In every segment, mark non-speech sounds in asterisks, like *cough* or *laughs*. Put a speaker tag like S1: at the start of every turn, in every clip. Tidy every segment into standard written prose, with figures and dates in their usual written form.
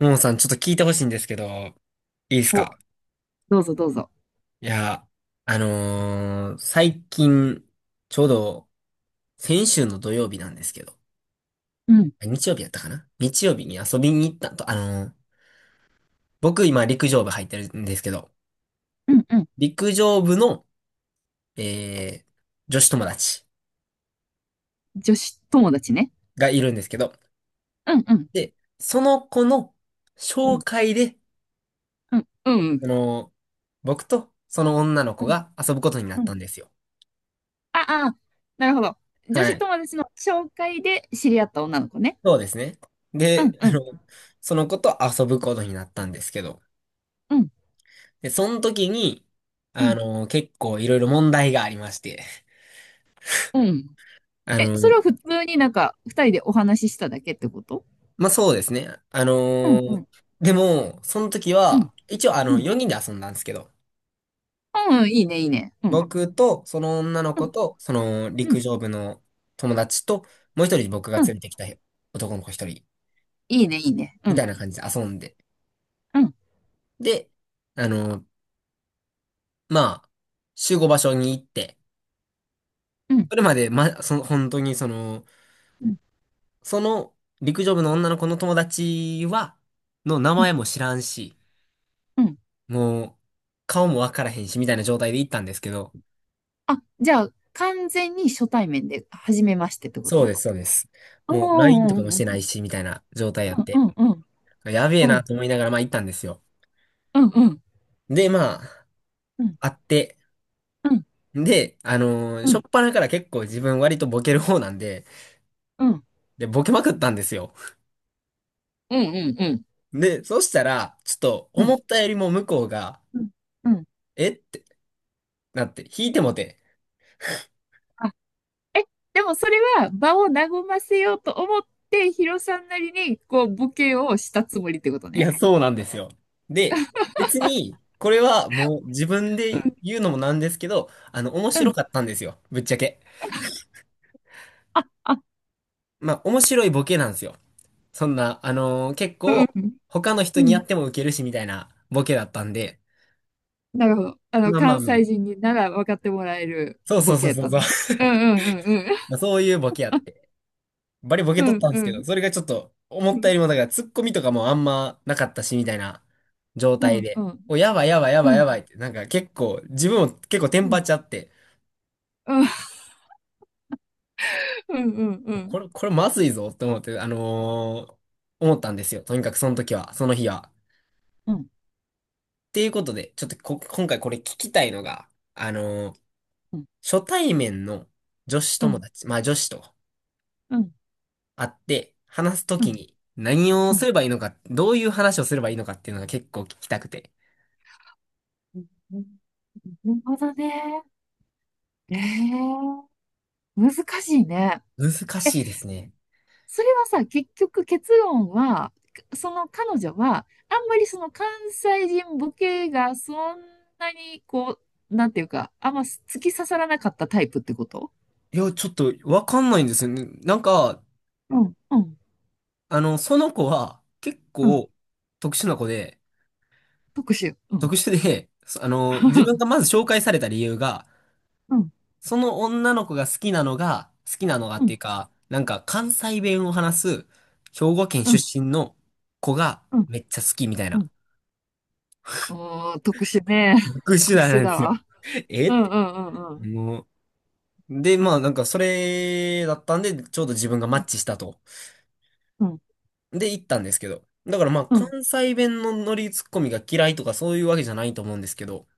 S1: ももさん、ちょっと聞いてほしいんですけど、いいです
S2: お、
S1: か？
S2: どうぞどうぞ。
S1: いや、最近、ちょうど、先週の土曜日なんですけど、
S2: うん、
S1: あ日曜日やったかな日曜日に遊びに行ったと、僕今陸上部入ってるんですけど、
S2: うん、うん。
S1: 陸上部の、えー、女子友達
S2: 女子友達ね。
S1: がいるんですけど、
S2: うん、うん、
S1: で、その子の
S2: う
S1: 紹
S2: ん、
S1: 介で、
S2: うん、う
S1: あ
S2: ん。
S1: のー僕とその女の子
S2: うん
S1: が遊ぶことにな
S2: う
S1: った
S2: ん。
S1: んですよ。
S2: あ、あ、なるほど。女
S1: は
S2: 子
S1: い。
S2: 友達の紹介で知り合った女の子ね。
S1: そうですね。
S2: う
S1: で、
S2: ん、うん、
S1: その子と遊ぶことになったんですけど、
S2: うん、
S1: で、その時に、
S2: うん、
S1: 結構いろいろ問題がありまして、
S2: うん。
S1: あ
S2: え、そ
S1: の、
S2: れは普通になんか、二人でお話ししただけってこと？
S1: まあ、そうですね。
S2: うん、うん、
S1: でも、その時
S2: うん、
S1: は、一応
S2: うん。
S1: 4人で遊んだんですけど、
S2: うん、いいね、いいね。うん、
S1: 僕と、その女の
S2: う
S1: 子
S2: ん、
S1: と、その
S2: う
S1: 陸
S2: ん、
S1: 上部の友達と、もう一人僕が
S2: う
S1: 連
S2: ん。
S1: れてきた男の子一人、
S2: いいね、いいね。う
S1: みた
S2: ん、
S1: いな感じで遊んで、
S2: うん、
S1: で、あの、まあ、集合場所に行って、
S2: うん、
S1: それまで、ま、その、本当にその、
S2: うん、
S1: その陸上部の女の子の友達は、の名
S2: うん。
S1: 前も知らんし、
S2: うん。
S1: もう、顔もわからへんし、みたいな状態で行ったんですけど、
S2: あ、じゃあ、完全に初対面で、初めましてってこ
S1: そう
S2: と？
S1: です、そうです。
S2: う
S1: もう、LINE と
S2: ん、う
S1: かも
S2: ん、う
S1: してない
S2: ん。
S1: し、みたいな状態やっ
S2: う
S1: て、
S2: んうんうん。
S1: やべえ
S2: う
S1: な
S2: ん
S1: と思いながら、まあ行ったんですよ。
S2: うんうん
S1: で、まあ、
S2: うん
S1: 会って、
S2: うん
S1: で、
S2: う
S1: しょっ
S2: ん
S1: ぱなから結構自分割とボケる方なんで、
S2: うん
S1: で、ボケまくったんですよ。
S2: うんうん。
S1: で、そしたら、ちょっと
S2: う
S1: 思
S2: ん
S1: ったよりも向こうが、
S2: うんうん。
S1: えってなって、引いてもて、
S2: あ、え、でもそれは場を和ませようと思って、ヒロさんなりにこうボケをしたつもりってこと
S1: い
S2: ね。
S1: や、そうなんですよ。で、別に、これはもう自分
S2: う
S1: で
S2: ん、
S1: 言うのもなんですけど、面
S2: う
S1: 白
S2: ん。
S1: かったんですよ。ぶっちゃけ。
S2: あ、あ、
S1: まあ、面白いボケなんですよ。そんな、結
S2: うん、
S1: 構、
S2: うん、
S1: 他の人にやってもウケるしみたいなボケだったんで、
S2: なるほど。
S1: まあまあ
S2: 関
S1: まあ、
S2: 西人になら分かってもらえる
S1: そうそ
S2: ボ
S1: うそ
S2: ケ
S1: う
S2: やっ
S1: そう
S2: た
S1: そう。
S2: のね。
S1: *laughs*
S2: うんうんうん
S1: まあ、そういうボケやって。バリボケ
S2: うん。
S1: 取ったんで
S2: う
S1: す
S2: んう
S1: け
S2: ん
S1: ど、それがちょっと、思
S2: うん
S1: っ
S2: う
S1: たよ
S2: ん。
S1: りも、だから、ツッコミとかもあんまなかったし、みたいな状
S2: う
S1: 態
S2: んう
S1: で、
S2: ん
S1: お、やばいやばいや
S2: う
S1: ばいやばいっ
S2: ん。
S1: て、なんか結構、自分も結構テ
S2: う
S1: ンパっ
S2: ん
S1: ちゃって、
S2: うんうん。
S1: これまずいぞって思って、思ったんですよ。とにかくその時は、その日は。
S2: うんうんうん。うん
S1: っていうことで、ちょっとこ、今回これ聞きたいのが、あのー
S2: うん
S1: 初対面の女子
S2: う
S1: 友
S2: ん。
S1: 達、まあ女子と
S2: うんう
S1: 会って話すとき
S2: ん
S1: に何を
S2: う
S1: す
S2: ん。
S1: ればいいのか、どういう話をすればいいのかっていうのが結構聞きたくて。
S2: うんうん。なるほどね。ええ、難しいね。
S1: 難
S2: え、
S1: しいですね。
S2: それはさ、結局結論は、その彼女は、あんまりその関西人ボケがそんなにこう、なんていうか、あんま突き刺さらなかったタイプってこと？
S1: いや、ちょっとわかんないんですよね。なんか、
S2: うん、うん、
S1: その子は結
S2: うん。
S1: 構特殊な子で、
S2: 特殊。うん。
S1: 特殊で、そあの、自分がま
S2: *laughs*
S1: ず紹介された理由が、
S2: うん、
S1: その女の子が好きなのがっ
S2: う
S1: て
S2: ん、
S1: いうか、なんか関西弁を話す兵庫県
S2: うん、
S1: 出身の子が
S2: うん、
S1: めっちゃ好きみたい
S2: う
S1: な。
S2: ん。おー、特殊ね。
S1: 特
S2: *laughs*
S1: 殊
S2: 特殊
S1: なんで
S2: だ
S1: すよ。
S2: わ。
S1: *laughs* え
S2: う
S1: っ
S2: ん、うん、
S1: て。
S2: うん、うん。
S1: もう。で、まあなんかそれだったんで、ちょうど自分がマッチしたと。
S2: うん、
S1: で、行ったんですけど。だからまあ
S2: うん。
S1: 関西弁のノリツッコミが嫌いとかそういうわけじゃないと思うんですけど、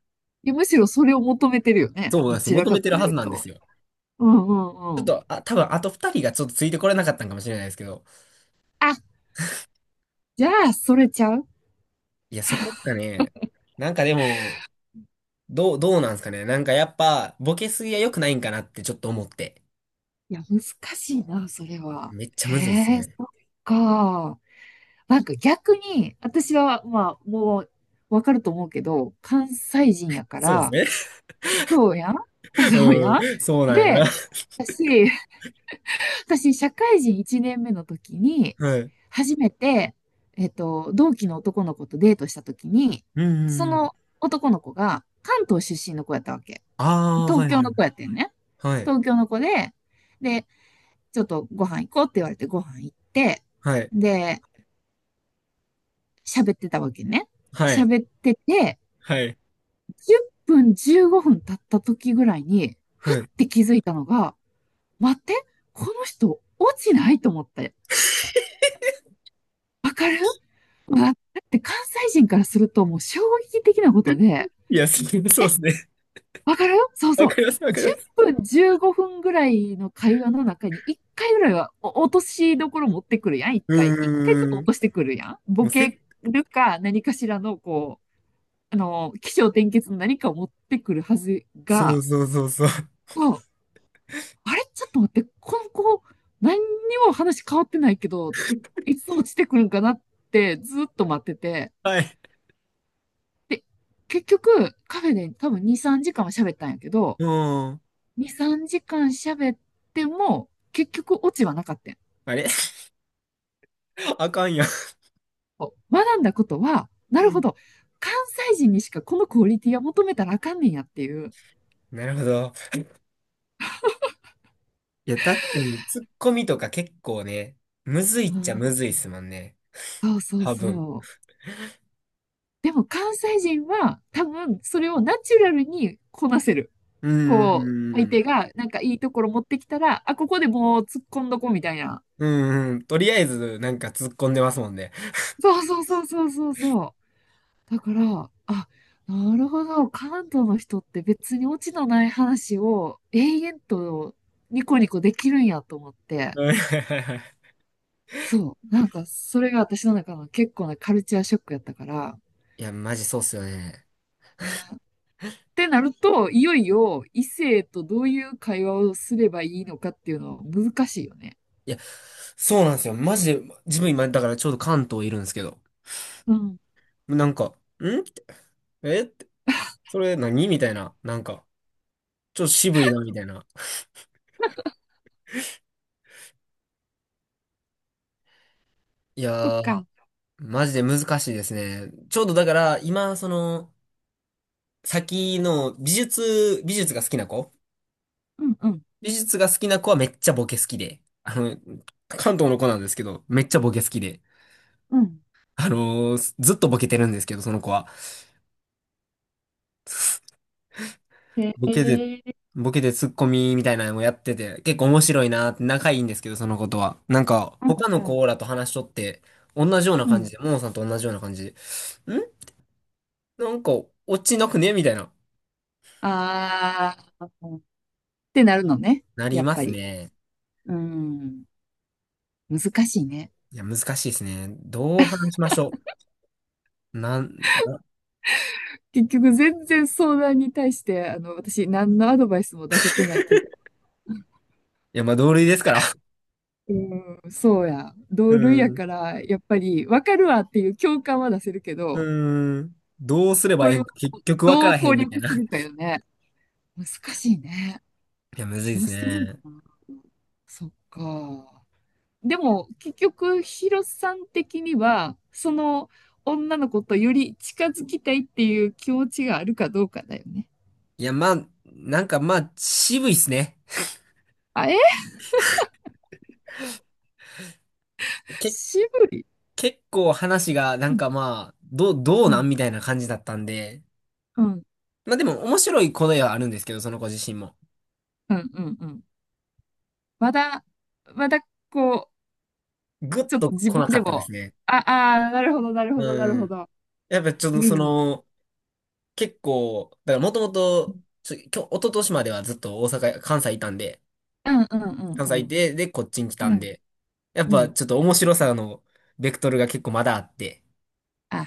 S2: いや、むしろそれを求めてるよね。
S1: そうなん
S2: ど
S1: ですよ。
S2: ちら
S1: 求
S2: か
S1: めてる
S2: とい
S1: はず
S2: う
S1: なんで
S2: と。
S1: すよ。
S2: うんうん
S1: ちょっ
S2: うん。
S1: と、あ、多分あと二人がちょっとついてこれなかったんかもしれないですけど、
S2: あ、じゃあ、それちゃう？
S1: いや、そこがね、なんかでも、どうなんですかね。なんかやっぱ、ボケすぎは良くないんかなってちょっと思って。
S2: いや、難しいな、それは。
S1: めっちゃむずいっす
S2: へえ、
S1: ね。
S2: そっか。なんか逆に、私は、まあ、もう、わかると思うけど、関西人やか
S1: そう
S2: ら、
S1: です
S2: そうやん。
S1: ね。
S2: *laughs*
S1: *laughs*
S2: そうやん。
S1: うん、そうなんよな。
S2: で、私、私社会人1年目の時に、
S1: はい。
S2: 初めて、同期の男の子とデートした時に、
S1: うんう
S2: そ
S1: んうん。
S2: の男の子が関東出身の子やったわけ。
S1: ああ、
S2: 東
S1: はい
S2: 京
S1: はい。
S2: の子やってんね。
S1: はい。
S2: 東京の子で、ちょっとご飯行こうって言われてご飯行って、
S1: はい。
S2: で、喋ってたわけね。
S1: はい。
S2: 喋ってて、
S1: はい。
S2: 10分15分経った時ぐらいに、ふっ
S1: はい。
S2: て気づいたのが、待って、この人落ちないと思って。わかるわ、だって関西人からするともう衝撃的なことで、
S1: いや、そうそうですね。
S2: わかるよ、そう
S1: わ
S2: そう。
S1: かります、わかりま
S2: 10
S1: す。
S2: 分、15分ぐらいの会話の中に1回ぐらいはお落としどころ持ってくるやん、1回。1回ちょっと
S1: うー
S2: 落
S1: ん。
S2: としてくるやん。
S1: も
S2: ボ
S1: う
S2: ケ
S1: せ
S2: るか何かしらの、こう、起承転結の何かを持ってくるはず
S1: そ
S2: が、
S1: うそうそうそう。
S2: そう、あれ、ちょっと待って、この子、何にも話変わってないけど、いつ落ちてくるんかなってずっと待ってて、
S1: はい。
S2: で、結局、カフェで多分2、3時間は喋ったんやけど、
S1: うん。
S2: 2、3時間喋っても、結局オチはなかったん。
S1: あれ *laughs* あかんやん。
S2: 学んだことは、な
S1: う
S2: るほ
S1: ん、
S2: ど、関西人にしかこのクオリティは求めたらあかんねんやっていう。
S1: なるほど。いや、確かに、ツッコミとか結構ね、むずいっ
S2: う
S1: ちゃ
S2: ん、
S1: むずいっすもんね。
S2: そうそう
S1: 多分。
S2: そう。でも関西人は多分それをナチュラルにこなせる。
S1: うん、う
S2: こう、相
S1: ん、
S2: 手がなんかいいところ持ってきたら、あ、ここでもう突っ込んどこみたいな。
S1: うん、うん、とりあえず、なんか突っ込んでますもんね。
S2: そうそうそうそうそうそう。だから、あ、なるほど。関東の人って別にオチのない話を永遠とニコニコできるんやと思って。
S1: うん、はいはいはい
S2: そう。なんか、それが私の中の結構なカルチャーショックやったから。
S1: *laughs* いや、マジそうっすよね。
S2: ね。ってなると、いよいよ異性とどういう会話をすればいいのかっていうのは難しいよね。
S1: いや、そうなんですよ。マジで、自分今、だからちょうど関東いるんですけど、
S2: うん。
S1: なんか、んえって、それ何みたいな、なんか、ちょっと渋いな、みたいな。い
S2: そっ
S1: やー、
S2: か。
S1: マジで難しいですね。ちょうどだから、今、その、先の美術、
S2: うんうん。
S1: 美術が好きな子はめっちゃボケ好きで、あの、関東の子なんですけど、めっちゃボケ好きで、
S2: うん。
S1: ずっとボケてるんですけど、その子は。
S2: へ
S1: ボケで、
S2: え。
S1: ボケでツッコミみたいなのもやってて、結構面白いなって仲いいんですけど、その子とは。なんか、
S2: う
S1: 他の
S2: んうん。
S1: 子らと話しとって、同じような
S2: う
S1: 感じ
S2: ん。
S1: で、ももさんと同じような感じで、なんか、落ちなくねみたいな。
S2: ああ。ってなるのね。
S1: なり
S2: やっ
S1: ま
S2: ぱ
S1: す
S2: り。
S1: ね。
S2: うん。難しいね。
S1: いや、難しいですね。どう話しましょう。なん、な、い
S2: 結局全然相談に対して、私何のアドバイスも出せてないけど、
S1: や、まあ、同類ですから。*laughs*
S2: うん、そうや。
S1: う
S2: 同類や
S1: ん。
S2: から、やっぱり分かるわっていう共感は出せるけど、
S1: うん。どうすれば
S2: こ
S1: ええ
S2: れ
S1: ん
S2: を
S1: か、結局わか
S2: どう
S1: らへ
S2: 攻
S1: んみたい
S2: 略す
S1: な。
S2: るかよね。難しいね。
S1: いや、むずいで
S2: どう
S1: す
S2: してるのか
S1: ね。
S2: な。そっか。でも、結局、ヒロさん的には、その女の子とより近づきたいっていう気持ちがあるかどうかだよね。
S1: いや、まあ、なんかまあ、渋いっすね。
S2: あ、え、
S1: け、
S2: 渋い。
S1: 結構話が、な
S2: う
S1: ん
S2: ん
S1: かまあ、どう
S2: う
S1: な
S2: ん
S1: んみたいな感じだったんで。
S2: うん、
S1: まあでも、面白い答えはあるんですけど、その子自身も。
S2: うん、うん、うん。まだ、まだ、こう、
S1: ぐっ
S2: ちょっと
S1: と
S2: 自
S1: 来
S2: 分
S1: なか
S2: で
S1: ったで
S2: も、
S1: すね。
S2: あ、あー、なるほど、なるほど、なる
S1: う
S2: ほ
S1: ん。
S2: ど。
S1: やっぱちょっと
S2: う
S1: そ
S2: ん、
S1: の、結構、だからもとも
S2: う
S1: と、
S2: ん、
S1: ちょ、今日、一昨年まではずっと大阪、関西いたんで、
S2: うん、うん、
S1: 関
S2: う
S1: 西い
S2: ん、
S1: て、で、こっちに来た
S2: う
S1: ん
S2: ん。
S1: で、やっぱちょっと面白さの、ベクトルが結構まだあって、
S2: あ、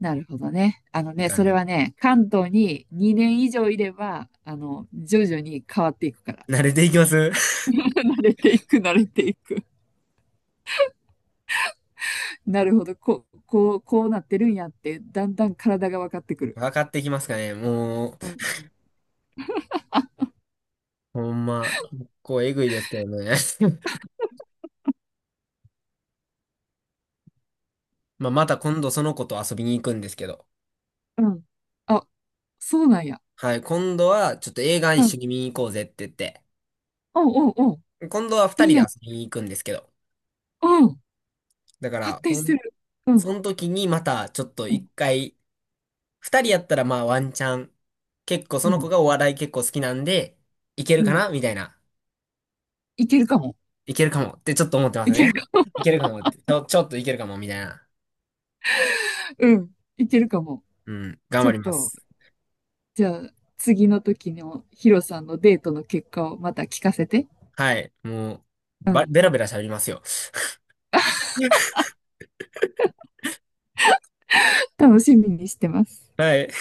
S2: なるほどね。あの
S1: っていう
S2: ね、そ
S1: 感
S2: れ
S1: じ。
S2: はね、関東に2年以上いれば、徐々に変わっていくから。
S1: 慣れていきます
S2: *laughs* 慣れていく、慣れていく。なるほど、こう、こう、こうなってるんやって、だんだん体が分かってく
S1: *laughs*
S2: る。
S1: 分かっていきますかね。もう、
S2: うん、う
S1: ほんま、結構えぐいですけどね。*laughs* まあ、また今度その子と遊びに行くんですけど。
S2: ん、うん。あ、そうなんや。
S1: はい、今度はちょっと映画一
S2: う
S1: 緒
S2: ん、
S1: に見に行こうぜって言って。
S2: おうおうおう、
S1: 今度は二
S2: い
S1: 人
S2: い
S1: で
S2: やん。
S1: 遊びに行くんですけど。
S2: うん。
S1: だか
S2: 発
S1: ら、
S2: 展してる。う
S1: そ
S2: ん。
S1: の時にまたちょっと
S2: う
S1: 一
S2: ん。
S1: 回、二人やったらまあワンチャン。結構そ
S2: う
S1: の子
S2: ん。
S1: がお笑い結構好きなんで、いける
S2: う
S1: か
S2: ん。
S1: なみたいな。
S2: いけるかも。
S1: いけるかもってちょっと思ってま
S2: い
S1: す
S2: け
S1: ね。
S2: るか。
S1: いけるかもって。ちょっといけるかもみたいな。
S2: *laughs* うん。いけるかも。
S1: うん、頑
S2: ちょ
S1: 張
S2: っ
S1: りま
S2: と、
S1: す。
S2: じゃあ、次の時のヒロさんのデートの結果をまた聞かせて。
S1: はい、もう、
S2: うん。
S1: ベラベラ喋りますよ。*laughs*
S2: 楽しみにしてます。
S1: はい。